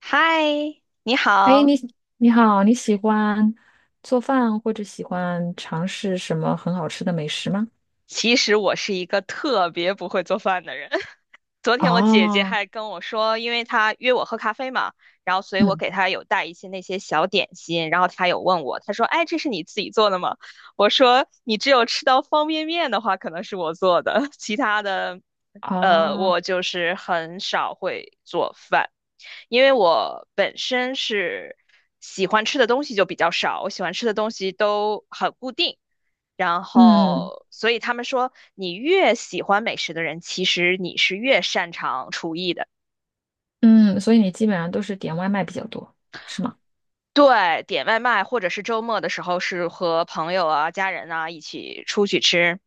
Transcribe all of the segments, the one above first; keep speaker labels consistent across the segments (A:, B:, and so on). A: 嗨，你
B: 哎，
A: 好。
B: 你好你喜欢做饭或者喜欢尝试什么很好吃的美食吗？
A: 其实我是一个特别不会做饭的人。昨天我姐姐
B: 哦。
A: 还跟我说，因为她约我喝咖啡嘛，所以我
B: 嗯。
A: 给她有带一些那些小点心，然后她有问我，她说：“哎，这是你自己做的吗？”我说：“你只有吃到方便面的话，可能是我做的，其他的，
B: 哦。
A: 我就是很少会做饭。”因为我本身是喜欢吃的东西就比较少，我喜欢吃的东西都很固定，然
B: 嗯
A: 后，所以他们说，你越喜欢美食的人，其实你是越擅长厨艺的。
B: 嗯，所以你基本上都是点外卖比较多，是吗？
A: 对，点外卖或者是周末的时候是和朋友啊、家人啊一起出去吃。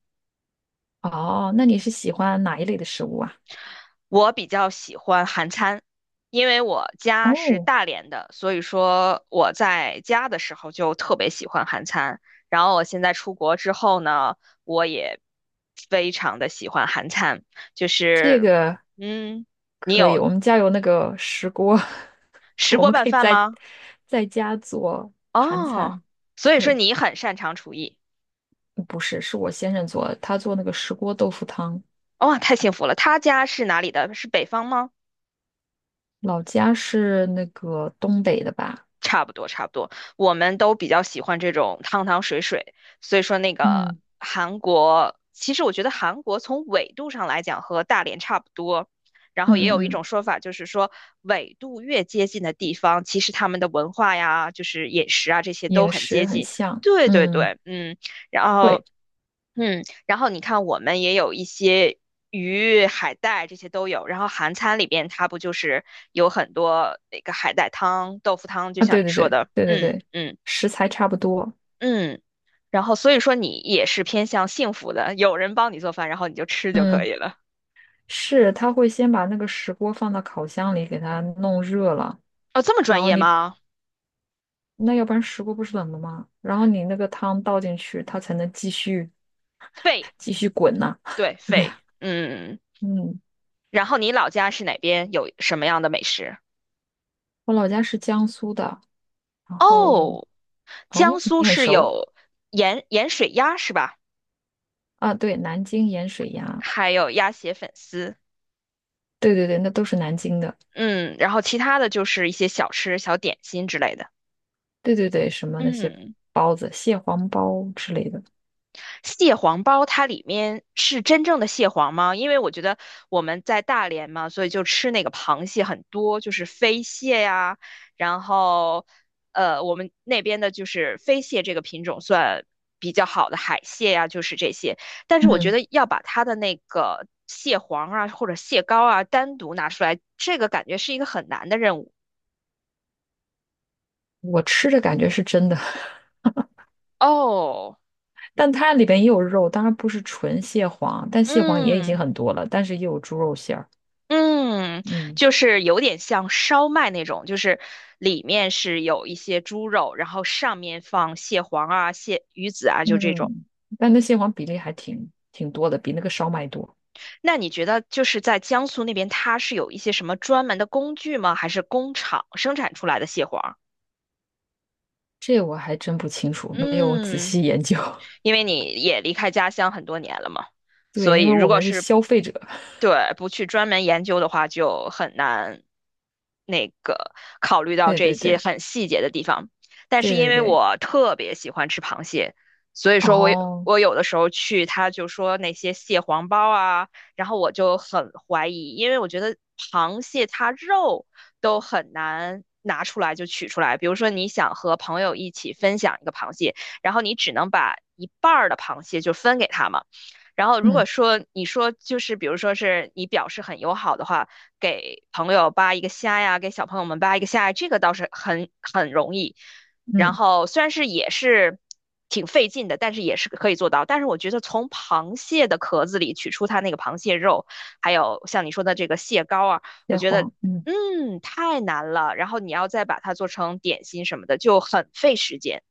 B: 哦，那你是喜欢哪一类的食物啊？
A: 我比较喜欢韩餐，因为我家是
B: 哦，
A: 大连的，所以说我在家的时候就特别喜欢韩餐。然后我现在出国之后呢，我也非常的喜欢韩餐，就
B: 这
A: 是，
B: 个
A: 嗯，你
B: 可以，
A: 有
B: 我们家有那个石锅，
A: 石
B: 我
A: 锅
B: 们
A: 拌
B: 可以
A: 饭
B: 在
A: 吗？
B: 在家做韩
A: 哦，
B: 餐。
A: 所以说
B: 对，
A: 你很擅长厨艺，
B: 不是，是我先生做的他做那个石锅豆腐汤。
A: 哇、太幸福了。他家是哪里的？是北方吗？
B: 老家是那个东北的吧？
A: 差不多，差不多。我们都比较喜欢这种汤汤水水，所以说那个
B: 嗯
A: 韩国，其实我觉得韩国从纬度上来讲和大连差不多。然后
B: 嗯
A: 也
B: 嗯
A: 有一
B: 嗯，
A: 种说法，就是说纬度越接近的地方，其实他们的文化呀，就是饮食啊这些都
B: 饮
A: 很接
B: 食很
A: 近。
B: 像，
A: 对对
B: 嗯。
A: 对，嗯。然
B: 会
A: 后嗯，然后你看，我们也有一些鱼、海带这些都有。然后韩餐里边，它不就是有很多那个海带汤、豆腐汤，就
B: 啊，
A: 像
B: 对
A: 你
B: 对
A: 说
B: 对
A: 的，
B: 对对
A: 嗯
B: 对，
A: 嗯
B: 食材差不多。
A: 嗯。然后所以说你也是偏向幸福的，有人帮你做饭，然后你就吃就可
B: 嗯，
A: 以了。
B: 是他会先把那个石锅放到烤箱里给它弄热了，
A: 哦，这么
B: 然
A: 专
B: 后
A: 业
B: 你
A: 吗？
B: 那要不然石锅不是冷的吗？然后你那个汤倒进去，它才能继续
A: 肺，
B: 继续滚呐、
A: 对，
B: 对
A: 肺，
B: 呀。
A: 嗯。
B: 嗯，
A: 然后你老家是哪边？有什么样的美食？
B: 我老家是江苏的，然后
A: 哦，江
B: 哦，
A: 苏
B: 你很
A: 是
B: 熟
A: 有盐水鸭是吧？
B: 啊。对，南京盐水鸭。
A: 还有鸭血粉丝。
B: 对对对，那都是南京的。
A: 嗯，然后其他的就是一些小吃、小点心之类的。
B: 对对对，什么那些
A: 嗯，
B: 包子、蟹黄包之类的。
A: 蟹黄包它里面是真正的蟹黄吗？因为我觉得我们在大连嘛，所以就吃那个螃蟹很多，就是飞蟹呀，然后我们那边的就是飞蟹这个品种算比较好的海蟹呀，就是这些。但是我觉
B: 嗯，
A: 得要把它的那个蟹黄啊或者蟹膏啊单独拿出来，这个感觉是一个很难的任务。
B: 我吃着感觉是真的，
A: 哦，
B: 但它里边也有肉，当然不是纯蟹黄，但蟹黄也已经
A: 嗯。
B: 很多了，但是也有猪肉馅儿。
A: 嗯，
B: 嗯
A: 就是有点像烧麦那种，就是里面是有一些猪肉，然后上面放蟹黄啊、蟹鱼子啊，就这种。
B: 嗯，但那蟹黄比例挺多的，比那个烧麦多。
A: 那你觉得就是在江苏那边，它是有一些什么专门的工具吗？还是工厂生产出来的蟹黄？
B: 这我还真不清楚，没有仔
A: 嗯。
B: 细研究。
A: 因为你也离开家乡很多年了嘛，
B: 对，
A: 所
B: 因
A: 以
B: 为
A: 如
B: 我
A: 果
B: 们是
A: 是
B: 消费者。
A: 对不去专门研究的话，就很难那个考虑到
B: 对
A: 这
B: 对
A: 些
B: 对
A: 很细节的地方。但是
B: 对
A: 因
B: 对
A: 为
B: 对。
A: 我特别喜欢吃螃蟹，所以说我有
B: 哦。
A: 我有的时候去，他就说那些蟹黄包啊，然后我就很怀疑，因为我觉得螃蟹它肉都很难拿出来就取出来。比如说你想和朋友一起分享一个螃蟹，然后你只能把一半儿的螃蟹就分给他嘛。然后如
B: 嗯
A: 果说你说就是比如说是你表示很友好的话，给朋友扒一个虾呀，给小朋友们扒一个虾呀，这个倒是很容易。然
B: 嗯，
A: 后虽然是也是挺费劲的，但是也是可以做到。但是我觉得从螃蟹的壳子里取出它那个螃蟹肉，还有像你说的这个蟹膏啊，我
B: 蟹
A: 觉得
B: 黄，嗯。
A: 嗯太难了。然后你要再把它做成点心什么的，就很费时间。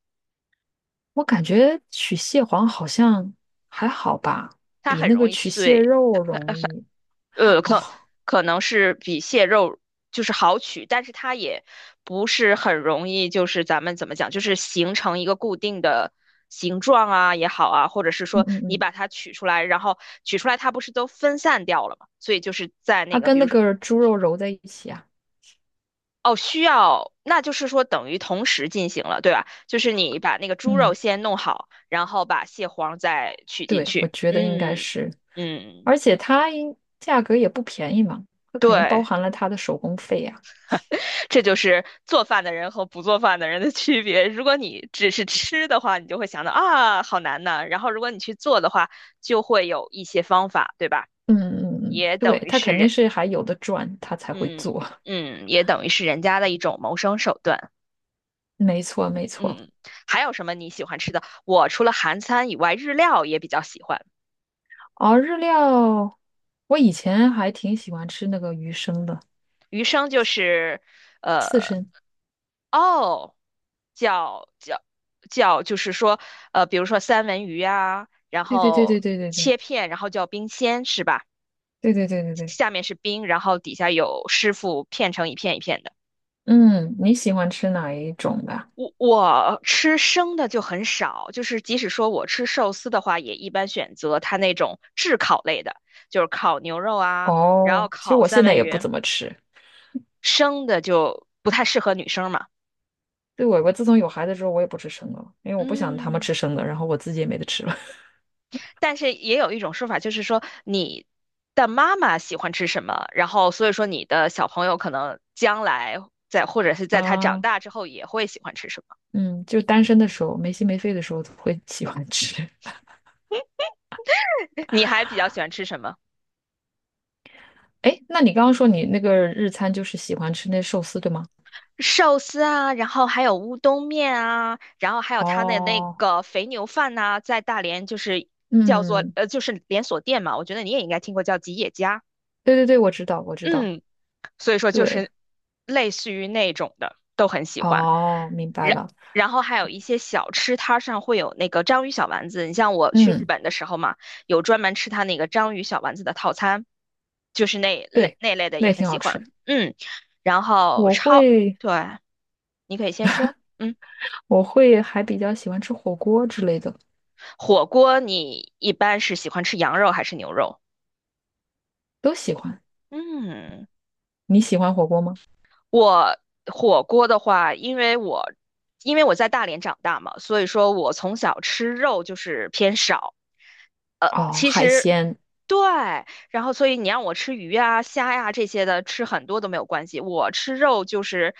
B: 我感觉取蟹黄好像还好吧，
A: 它
B: 比
A: 很
B: 那个
A: 容易
B: 取蟹
A: 碎，
B: 肉容易。
A: 呃，可
B: 哦。
A: 可能是比蟹肉就是好取，但是它也不是很容易，就是咱们怎么讲，就是形成一个固定的形状啊也好啊，或者是
B: 嗯
A: 说
B: 嗯
A: 你
B: 嗯，
A: 把它取出来，然后取出来它不是都分散掉了嘛，所以就是在那
B: 它
A: 个，
B: 跟
A: 比
B: 那
A: 如说。
B: 个猪肉揉在一起啊。
A: 哦，需要，那就是说等于同时进行了，对吧？就是你把那个猪肉
B: 嗯，
A: 先弄好，然后把蟹黄再取进
B: 对，我
A: 去。
B: 觉得应该
A: 嗯
B: 是，
A: 嗯，嗯
B: 而且价格也不便宜嘛，它肯定包
A: 对。
B: 含了它的手工费呀。
A: 这就是做饭的人和不做饭的人的区别。如果你只是吃的话，你就会想到啊，好难呐。然后如果你去做的话，就会有一些方法，对吧？
B: 嗯嗯嗯，嗯
A: 也
B: 对，
A: 等于
B: 它
A: 是
B: 肯定
A: 人，
B: 是还有的赚，它才会
A: 嗯
B: 做。
A: 嗯，也等于是人家的一种谋生手段。
B: 没错没错。
A: 嗯，还有什么你喜欢吃的？我除了韩餐以外，日料也比较喜欢。
B: 哦，日料，我以前还挺喜欢吃那个鱼生的
A: 余生就是，
B: 刺
A: 呃，
B: 身。
A: 哦。叫叫叫，就是说，比如说三文鱼啊，然
B: 对对对对
A: 后
B: 对对对
A: 切片，然后叫冰鲜，是吧？
B: 对对对对对。
A: 下面是冰，然后底下有师傅片成一片一片的。
B: 嗯，你喜欢吃哪一种的？
A: 我吃生的就很少，就是即使说我吃寿司的话，也一般选择它那种炙烤类的，就是烤牛肉啊，然后
B: 哦，其实
A: 烤
B: 我
A: 三
B: 现在
A: 文
B: 也不
A: 鱼，
B: 怎么吃。
A: 生的就不太适合女生嘛。
B: 对，我自从有孩子之后，我也不吃生的了，因为我不想他们
A: 嗯。
B: 吃生的，然后我自己也没得吃了。
A: 但是也有一种说法，就是说你的妈妈喜欢吃什么，然后所以说你的小朋友可能将来在或者是 在他长
B: 啊，
A: 大之后也会喜欢吃什么。
B: 嗯，就单身的时候，没心没肺的时候会喜欢吃。
A: 你还比较喜欢吃什么？
B: 哎，那你刚刚说你那个日餐就是喜欢吃那寿司，对吗？
A: 寿司啊，然后还有乌冬面啊，然后还有他的那
B: 哦。
A: 个肥牛饭呐、在大连就是叫做
B: 嗯，
A: 就是连锁店嘛，我觉得你也应该听过叫吉野家，
B: 对对对，我知道，我知道。
A: 嗯，所以说就
B: 对。
A: 是类似于那种的都很喜欢。
B: 哦，明白
A: 然
B: 了。
A: 然后还有一些小吃摊上会有那个章鱼小丸子，你像我去日
B: 嗯。
A: 本的时候嘛，有专门吃它那个章鱼小丸子的套餐，就是那类
B: 对，
A: 那类的
B: 那
A: 也
B: 也
A: 很
B: 挺好
A: 喜
B: 吃。
A: 欢，嗯，然后
B: 我
A: 超，
B: 会，
A: 对，你可以先说，嗯，
B: 我会还比较喜欢吃火锅之类的。
A: 火锅你一般是喜欢吃羊肉还是牛肉？
B: 都喜欢。
A: 嗯，
B: 你喜欢火锅吗？
A: 我火锅的话，因为我在大连长大嘛，所以说我从小吃肉就是偏少。
B: 哦，
A: 其
B: 海
A: 实
B: 鲜。
A: 对，然后所以你让我吃鱼啊、虾呀、这些的，吃很多都没有关系。我吃肉就是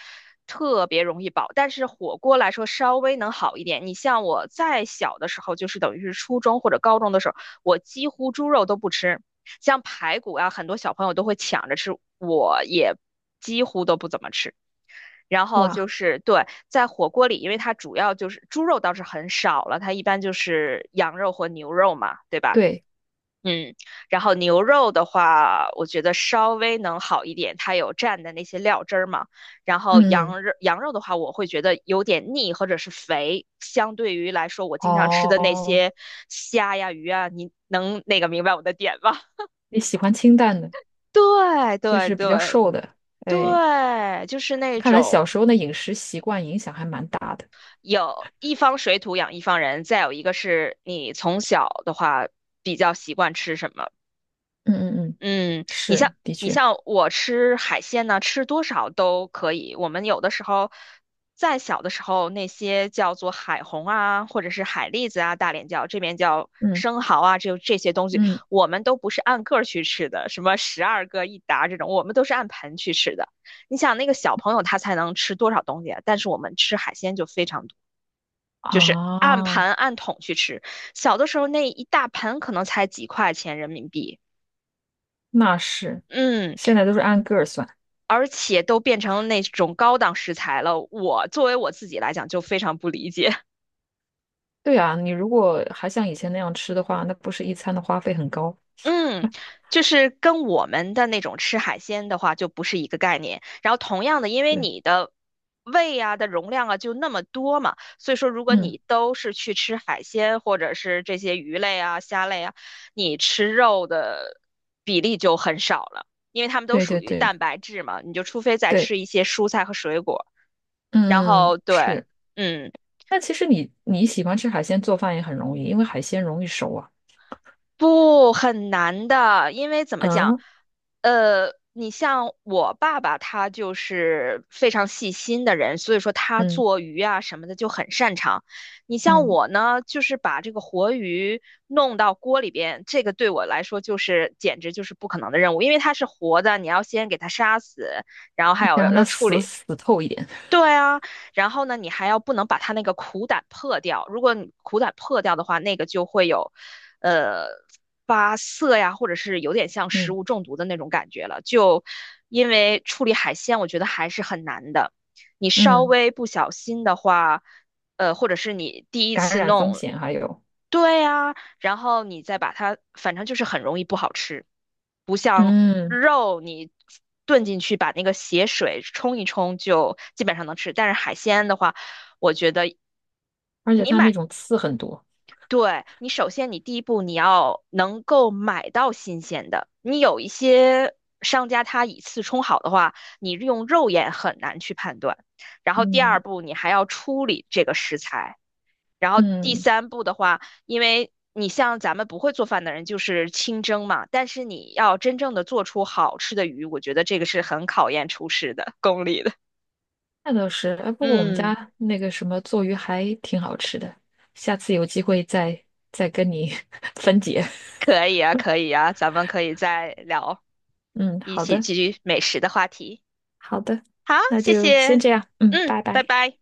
A: 特别容易饱，但是火锅来说稍微能好一点。你像我再小的时候，就是等于是初中或者高中的时候，我几乎猪肉都不吃，像排骨啊，很多小朋友都会抢着吃，我也几乎都不怎么吃。然后就
B: 哇。
A: 是对，在火锅里，因为它主要就是猪肉倒是很少了，它一般就是羊肉和牛肉嘛，对吧？
B: 对。
A: 嗯，然后牛肉的话，我觉得稍微能好一点，它有蘸的那些料汁儿嘛。然后
B: 嗯。
A: 羊肉，羊肉的话，我会觉得有点腻或者是肥，相对于来说，我经常吃的那
B: 哦，
A: 些虾呀、鱼啊，你能那个明白我的点吗？
B: 你喜欢清淡的，
A: 对
B: 就
A: 对
B: 是比较
A: 对
B: 瘦的。哎，
A: 对，就是那
B: 看来
A: 种
B: 小时候的饮食习惯影响还蛮大的。
A: 有一方水土养一方人，再有一个是你从小的话比较习惯吃什么。
B: 嗯嗯嗯，
A: 嗯，你像
B: 是，的
A: 你
B: 确。
A: 像我吃海鲜呢，吃多少都可以。我们有的时候，再小的时候，那些叫做海虹啊，或者是海蛎子啊，大连叫这边叫
B: 嗯
A: 生蚝啊，这些东西，
B: 嗯。
A: 我们都不是按个儿去吃的，什么十二个一打这种，我们都是按盆去吃的。你想那个小朋友他才能吃多少东西啊？但是我们吃海鲜就非常多，就是按
B: 啊，
A: 盘按桶去吃。小的时候那一大盆可能才几块钱人民币。
B: 那是，
A: 嗯。
B: 现在都是按个儿算。
A: 而且都变成那种高档食材了，我作为我自己来讲就非常不理解。
B: 对啊，你如果还像以前那样吃的话，那不是一餐的花费很高？
A: 嗯，就是跟我们的那种吃海鲜的话就不是一个概念。然后同样的，因为
B: 对。
A: 你的胃啊的容量啊就那么多嘛，所以说如果
B: 嗯。
A: 你都是去吃海鲜或者是这些鱼类啊、虾类啊，你吃肉的比例就很少了，因为它们都
B: 对
A: 属
B: 对
A: 于
B: 对
A: 蛋白质嘛，你就除非再
B: 对。
A: 吃一些蔬菜和水果，然后
B: 嗯，
A: 对。
B: 是。
A: 嗯，
B: 但其实你喜欢吃海鲜，做饭也很容易，因为海鲜容易熟啊。
A: 不，很难的，因为怎么讲，
B: 嗯
A: 你像我爸爸，他就是非常细心的人，所以说他
B: 嗯
A: 做鱼啊什么的就很擅长。你像
B: 嗯，
A: 我呢，就是把这个活鱼弄到锅里边，这个对我来说就是简直就是不可能的任务，因为它是活的，你要先给它杀死，然后还
B: 你
A: 有
B: 想
A: 要
B: 让它
A: 要处
B: 死
A: 理
B: 死透一点。
A: 对啊，然后呢，你还要不能把它那个苦胆破掉。如果你苦胆破掉的话，那个就会有，呃，发涩呀，或者是有点像食
B: 嗯
A: 物中毒的那种感觉了。就因为处理海鲜，我觉得还是很难的。你稍
B: 嗯，
A: 微不小心的话，或者是你第一
B: 感
A: 次
B: 染风
A: 弄，
B: 险还有。
A: 对呀，然后你再把它，反正就是很容易不好吃，不像
B: 嗯，
A: 肉你炖进去把那个血水冲一冲就基本上能吃，但是海鲜的话，我觉得
B: 而且
A: 你
B: 它
A: 买，
B: 那种刺很多。
A: 对，你首先你第一步你要能够买到新鲜的，你有一些。商家他以次充好的话，你用肉眼很难去判断。然后第二
B: 嗯
A: 步，你还要处理这个食材，然后第
B: 嗯，
A: 三步的话，因为你像咱们不会做饭的人，就是清蒸嘛，但是你要真正的做出好吃的鱼，我觉得这个是很考验厨师的功力的。
B: 那倒是。哎，不过我们
A: 嗯，
B: 家那个什么做鱼还挺好吃的，下次有机会再跟你 分解。
A: 可以啊，可以啊，咱们可以再聊，
B: 嗯，
A: 一
B: 好
A: 起
B: 的
A: 继续美食的话题。
B: 好的，
A: 好，
B: 那
A: 谢
B: 就先
A: 谢，
B: 这样。嗯，
A: 嗯，
B: 拜
A: 拜
B: 拜。
A: 拜。